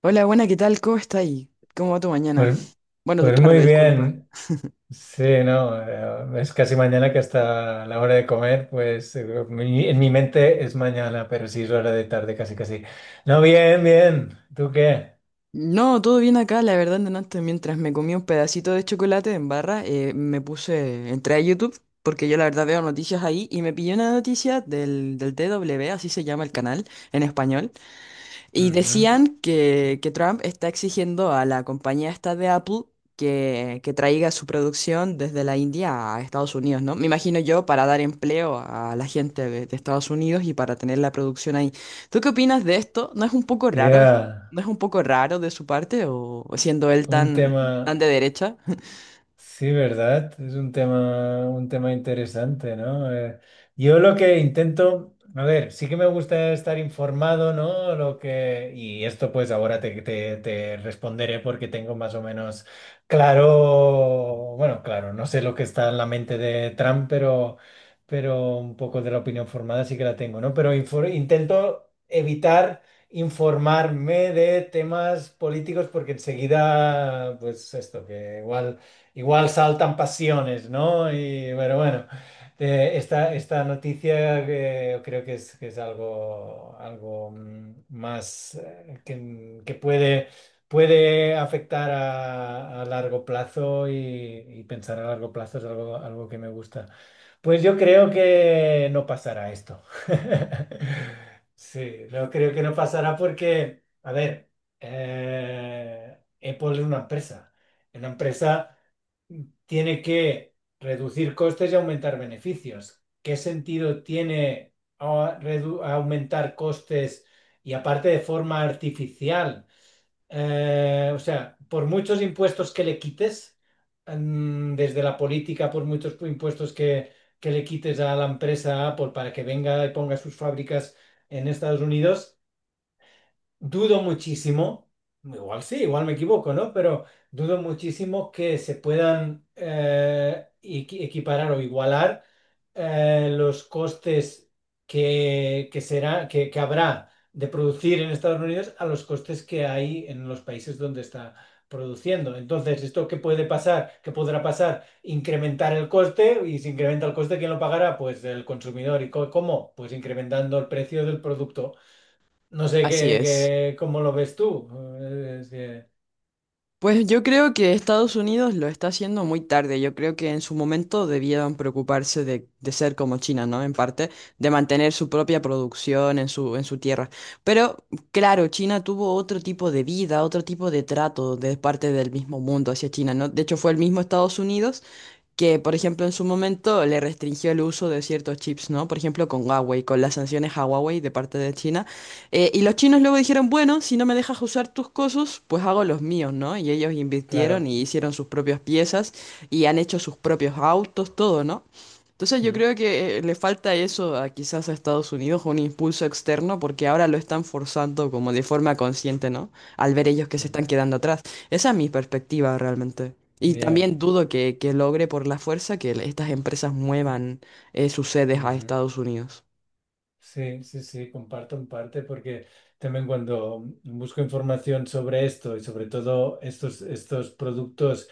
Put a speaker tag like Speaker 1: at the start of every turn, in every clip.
Speaker 1: Hola, buena, ¿qué tal? ¿Cómo está ahí? ¿Cómo va tu mañana?
Speaker 2: Pues,
Speaker 1: Bueno, tu
Speaker 2: pues muy
Speaker 1: tarde, disculpa.
Speaker 2: bien, sí, no, es casi mañana que hasta la hora de comer, pues en mi mente es mañana, pero sí es hora de tarde, casi casi. No, bien, bien, ¿tú qué?
Speaker 1: No, todo bien acá, la verdad, antes mientras me comí un pedacito de chocolate en barra, me puse, entré a YouTube, porque yo la verdad veo noticias ahí, y me pillé una noticia del TW, así se llama el canal en español. Y
Speaker 2: Ujú.
Speaker 1: decían que Trump está exigiendo a la compañía esta de Apple que traiga su producción desde la India a Estados Unidos, ¿no? Me imagino yo para dar empleo a la gente de Estados Unidos y para tener la producción ahí. ¿Tú qué opinas de esto? ¿No es un poco raro?
Speaker 2: Ya.
Speaker 1: ¿No es un poco raro de su parte o siendo él
Speaker 2: Un
Speaker 1: tan, tan
Speaker 2: tema.
Speaker 1: de derecha?
Speaker 2: Sí, ¿verdad? Es un tema interesante, ¿no? Yo lo que intento, a ver, sí que me gusta estar informado, ¿no? Lo que, y esto pues ahora te responderé porque tengo más o menos claro, bueno, claro, no sé lo que está en la mente de Trump, pero, un poco de la opinión formada sí que la tengo, ¿no? Pero intento evitar informarme de temas políticos porque enseguida, pues esto, que igual saltan pasiones, ¿no? Y, pero bueno, esta noticia que creo que es algo, más que puede afectar a largo plazo y pensar a largo plazo es algo, que me gusta. Pues yo creo que no pasará esto. Sí, no creo que no pasará porque, a ver, Apple es una empresa. Una empresa tiene que reducir costes y aumentar beneficios. ¿Qué sentido tiene aumentar costes y aparte de forma artificial? O sea, por muchos impuestos que le quites, desde la política, por muchos impuestos que le quites a la empresa Apple para que venga y ponga sus fábricas en Estados Unidos, dudo muchísimo. Igual sí, igual me equivoco, ¿no? Pero dudo muchísimo que se puedan equiparar o igualar los costes que será, que habrá de producir en Estados Unidos a los costes que hay en los países donde está produciendo. Entonces, ¿esto qué puede pasar? ¿Qué podrá pasar? Incrementar el coste, y si incrementa el coste, ¿quién lo pagará? Pues el consumidor. ¿Y cómo? Pues incrementando el precio del producto. No sé
Speaker 1: Así es.
Speaker 2: cómo lo ves tú. Eh, es que-
Speaker 1: Pues yo creo que Estados Unidos lo está haciendo muy tarde. Yo creo que en su momento debieron preocuparse de ser como China, ¿no? En parte, de mantener su propia producción en su tierra. Pero claro, China tuvo otro tipo de vida, otro tipo de trato de parte del mismo mundo hacia China, ¿no? De hecho, fue el mismo Estados Unidos que, por ejemplo, en su momento le restringió el uso de ciertos chips, ¿no? Por ejemplo, con Huawei, con las sanciones a Huawei de parte de China. Y los chinos luego dijeron, bueno, si no me dejas usar tus cosas, pues hago los míos, ¿no? Y ellos invirtieron
Speaker 2: claro.
Speaker 1: y hicieron sus propias piezas y han hecho sus propios autos, todo, ¿no? Entonces yo
Speaker 2: Mm.
Speaker 1: creo que le falta eso a quizás a Estados Unidos, un impulso externo, porque ahora lo están forzando como de forma consciente, ¿no? Al ver ellos que se
Speaker 2: Mm.
Speaker 1: están quedando atrás. Esa es mi perspectiva realmente. Y
Speaker 2: Ya.
Speaker 1: también dudo que logre por la fuerza que estas empresas muevan sus sedes a
Speaker 2: Ujú.
Speaker 1: Estados Unidos.
Speaker 2: Sí, sí, sí, comparto en parte porque también cuando busco información sobre esto y sobre todo estos productos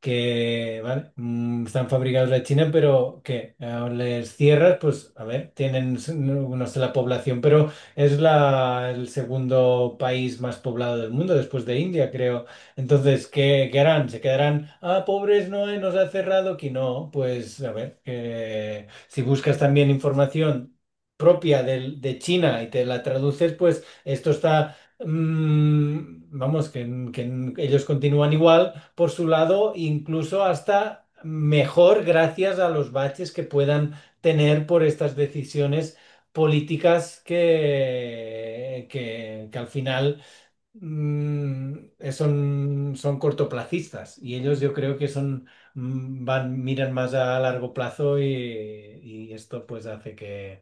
Speaker 2: que, vale, están fabricados en China, pero que les cierras, pues a ver, tienen, no, no sé la población, pero es el segundo país más poblado del mundo después de India, creo. Entonces, ¿qué harán? ¿Se quedarán, ah, pobres, no, nos ha cerrado aquí? No, pues a ver, que si buscas también información propia de China y te la traduces, pues esto está, vamos, que ellos continúan igual por su lado, incluso hasta mejor gracias a los baches que puedan tener por estas decisiones políticas que al final, mm, son, cortoplacistas, y ellos yo creo que son... miran más a largo plazo, y esto pues hace que,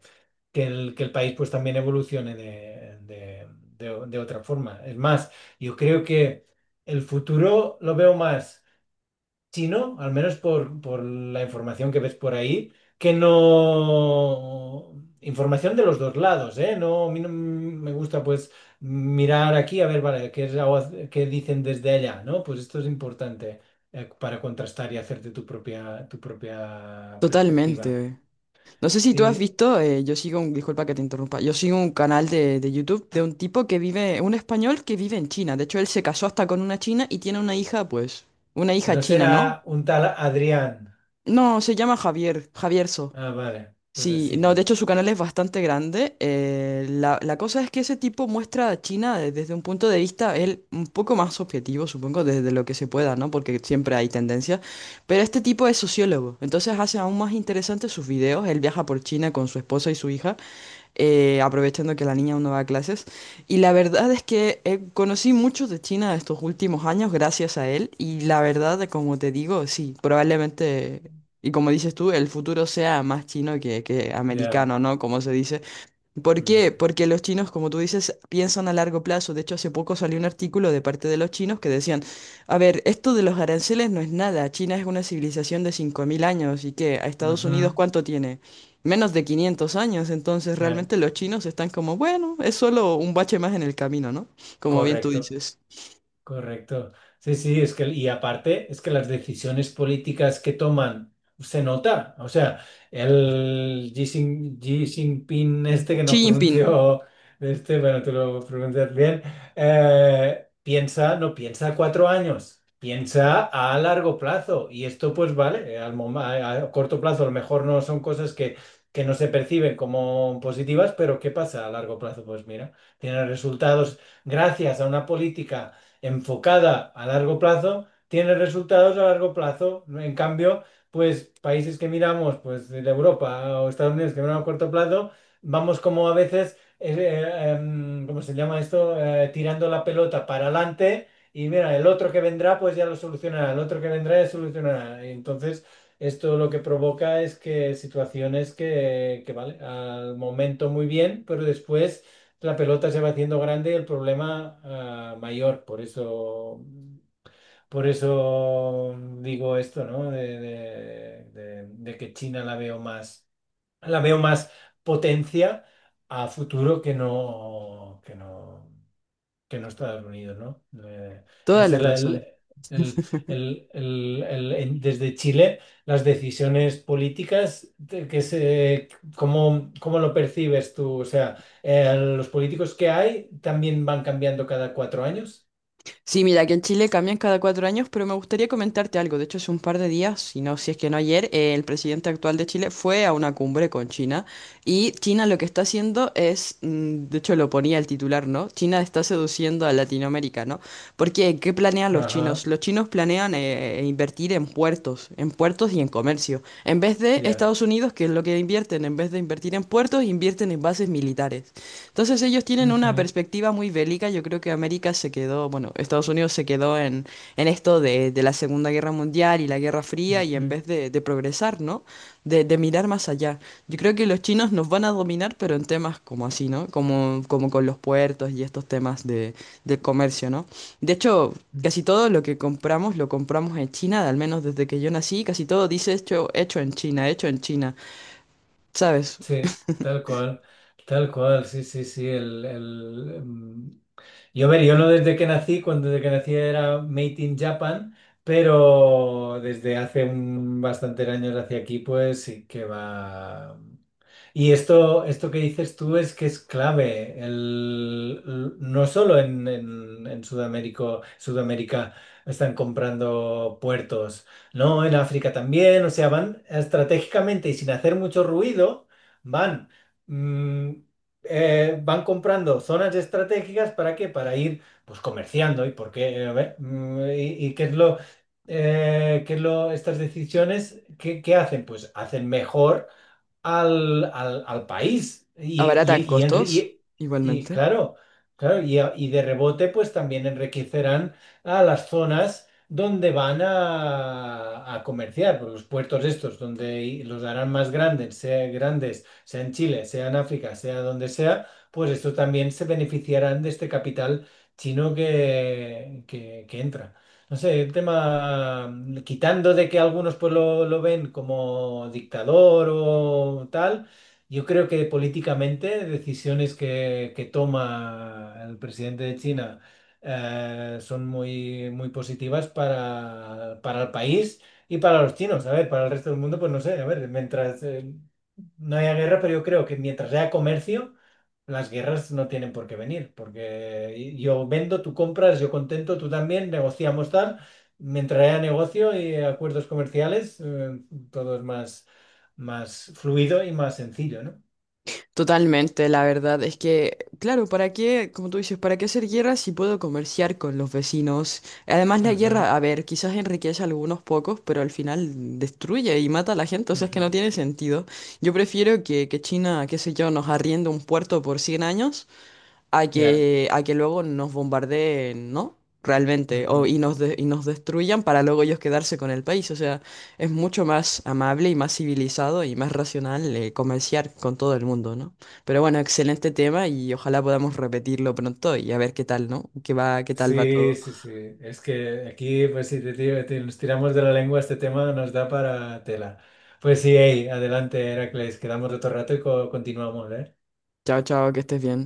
Speaker 2: que el, que el país pues también evolucione de otra forma. Es más, yo creo que el futuro lo veo más chino, al menos por, la información que ves por ahí, que no. Información de los dos lados, ¿eh? No, a mí no me gusta pues mirar aquí, a ver, vale, qué dicen desde allá, ¿no? Pues esto es importante para contrastar y hacerte tu propia, perspectiva.
Speaker 1: Totalmente. No sé si tú has
Speaker 2: Eh,
Speaker 1: visto, yo sigo un, disculpa que te interrumpa, yo sigo un canal de YouTube de un tipo que vive, un español que vive en China. De hecho, él se casó hasta con una china y tiene una hija, pues, una hija
Speaker 2: ¿No
Speaker 1: china, ¿no?
Speaker 2: será un tal Adrián?
Speaker 1: No, se llama Javier, Javierso.
Speaker 2: Ah, vale, pues
Speaker 1: Sí,
Speaker 2: así
Speaker 1: no, de
Speaker 2: no.
Speaker 1: hecho su canal es bastante grande. La cosa es que ese tipo muestra a China desde un punto de vista, él un poco más objetivo, supongo, desde lo que se pueda, ¿no? Porque siempre hay tendencias. Pero este tipo es sociólogo, entonces hace aún más interesantes sus videos. Él viaja por China con su esposa y su hija aprovechando que la niña aún no va a clases. Y la verdad es que conocí mucho de China estos últimos años gracias a él. Y la verdad, como te digo, sí, probablemente, y como dices tú, el futuro sea más chino que
Speaker 2: Ya.
Speaker 1: americano, ¿no? Como se dice. ¿Por qué?
Speaker 2: Ujú.
Speaker 1: Porque los chinos, como tú dices, piensan a largo plazo. De hecho, hace poco salió un artículo de parte de los chinos que decían, a ver, esto de los aranceles no es nada. China es una civilización de 5.000 años y que a Estados Unidos,
Speaker 2: Ujú.
Speaker 1: ¿cuánto tiene? Menos de 500 años. Entonces,
Speaker 2: Eh,
Speaker 1: realmente los chinos están como, bueno, es solo un bache más en el camino, ¿no? Como bien tú
Speaker 2: Correcto.
Speaker 1: dices.
Speaker 2: Correcto. Sí, sí, es que, y aparte, es que las decisiones políticas que toman se nota. O sea, el Xi Jinping, este que
Speaker 1: Xi
Speaker 2: no
Speaker 1: Jinping,
Speaker 2: pronunció, este, bueno, tú lo pronuncias bien, piensa, no piensa a 4 años, piensa a largo plazo. Y esto, pues vale, a corto plazo a lo mejor no son cosas que no se perciben como positivas, pero ¿qué pasa a largo plazo? Pues mira, tiene resultados gracias a una política enfocada a largo plazo, tiene resultados a largo plazo. En cambio, pues países que miramos, pues de Europa o Estados Unidos, que miramos a corto plazo, vamos como a veces, ¿cómo se llama esto? Tirando la pelota para adelante. Y mira, el otro que vendrá, pues ya lo solucionará, el otro que vendrá ya solucionará. Y entonces, esto lo que provoca es que situaciones vale, al momento muy bien, pero después la pelota se va haciendo grande y el problema, mayor. Por eso, por eso digo esto, ¿no? De que China la veo más potencia a futuro que no, Estados Unidos, ¿no? No
Speaker 1: toda la
Speaker 2: sé,
Speaker 1: razón.
Speaker 2: el- desde Chile, las decisiones políticas, ¿cómo lo percibes tú? O sea, los políticos que hay también van cambiando cada 4 años.
Speaker 1: Sí, mira, que en Chile cambian cada 4 años, pero me gustaría comentarte algo. De hecho, hace un par de días, si no, si es que no ayer, el presidente actual de Chile fue a una cumbre con China y China lo que está haciendo es, mm, de hecho lo ponía el titular, ¿no? China está seduciendo a Latinoamérica, ¿no? Porque, ¿qué planean los chinos?
Speaker 2: Ajá,
Speaker 1: Los chinos planean invertir en puertos y en comercio. En vez de
Speaker 2: ya.
Speaker 1: Estados Unidos, que es lo que invierten, en vez de invertir en puertos, invierten en bases militares. Entonces ellos tienen una
Speaker 2: Ujú,
Speaker 1: perspectiva muy bélica. Yo creo que América se quedó, bueno, Estados Unidos se quedó en esto de la Segunda Guerra Mundial y la Guerra Fría y en
Speaker 2: ujú.
Speaker 1: vez de progresar, ¿no? De mirar más allá. Yo creo que los chinos nos van a dominar, pero en temas como así, ¿no? Como, como con los puertos y estos temas de, del comercio, ¿no? De hecho, casi todo lo que compramos lo compramos en China, al menos desde que yo nací, casi todo dice hecho, hecho en China, hecho en China. ¿Sabes?
Speaker 2: Sí, tal cual, sí, sí, sí. Yo, a ver, yo no desde que nací, cuando desde que nací era Made in Japan, pero desde hace bastantes años hacia aquí, pues sí que va. Y esto, que dices tú es que es clave, no solo en Sudamérica, Sudamérica están comprando puertos, ¿no? En África también, o sea, van estratégicamente y sin hacer mucho ruido, van, mm, van comprando zonas estratégicas para qué, para ir pues comerciando, y por qué, y qué es lo, estas decisiones, ¿qué hacen? Pues hacen mejor al país.
Speaker 1: Abaratan costos,
Speaker 2: Y
Speaker 1: igualmente.
Speaker 2: claro, claro, y de rebote, pues también enriquecerán a las zonas donde van a comerciar, por los puertos estos, donde los harán más grandes, sea en Chile, sea en África, sea donde sea, pues esto también se beneficiarán de este capital chino que entra. No sé, el tema, quitando de que algunos pues lo ven como dictador o tal, yo creo que políticamente decisiones que toma el presidente de China son muy, muy positivas para el país y para los chinos. A ver, para el resto del mundo, pues no sé, a ver, mientras no haya guerra. Pero yo creo que mientras haya comercio las guerras no tienen por qué venir, porque yo vendo, tú compras, yo contento, tú también, negociamos, tal, mientras haya negocio y acuerdos comerciales, todo es más, fluido y más sencillo, ¿no?
Speaker 1: Totalmente, la verdad es que, claro, ¿para qué, como tú dices, para qué hacer guerra si puedo comerciar con los vecinos? Además, la guerra, a ver, quizás enriquece a algunos pocos, pero al final destruye y mata a la gente, o sea, es
Speaker 2: Ujú,
Speaker 1: que no
Speaker 2: ujú.
Speaker 1: tiene sentido. Yo prefiero que China, qué sé yo, nos arriende un puerto por 100 años a
Speaker 2: Ya.
Speaker 1: que, a que luego nos bombardeen, ¿no? Realmente, o,
Speaker 2: Ujú.
Speaker 1: y nos destruyan para luego ellos quedarse con el país. O sea, es mucho más amable y más civilizado y más racional comerciar con todo el mundo, ¿no? Pero bueno, excelente tema y ojalá podamos repetirlo pronto y a ver qué tal, ¿no? ¿Qué va, qué tal va
Speaker 2: Sí,
Speaker 1: todo?
Speaker 2: sí, sí. Es que aquí, pues si te, nos tiramos de la lengua este tema, nos da para tela. Pues sí, ey, adelante, Heracles, quedamos otro rato y continuamos, ¿eh?
Speaker 1: Chao, chao, que estés bien.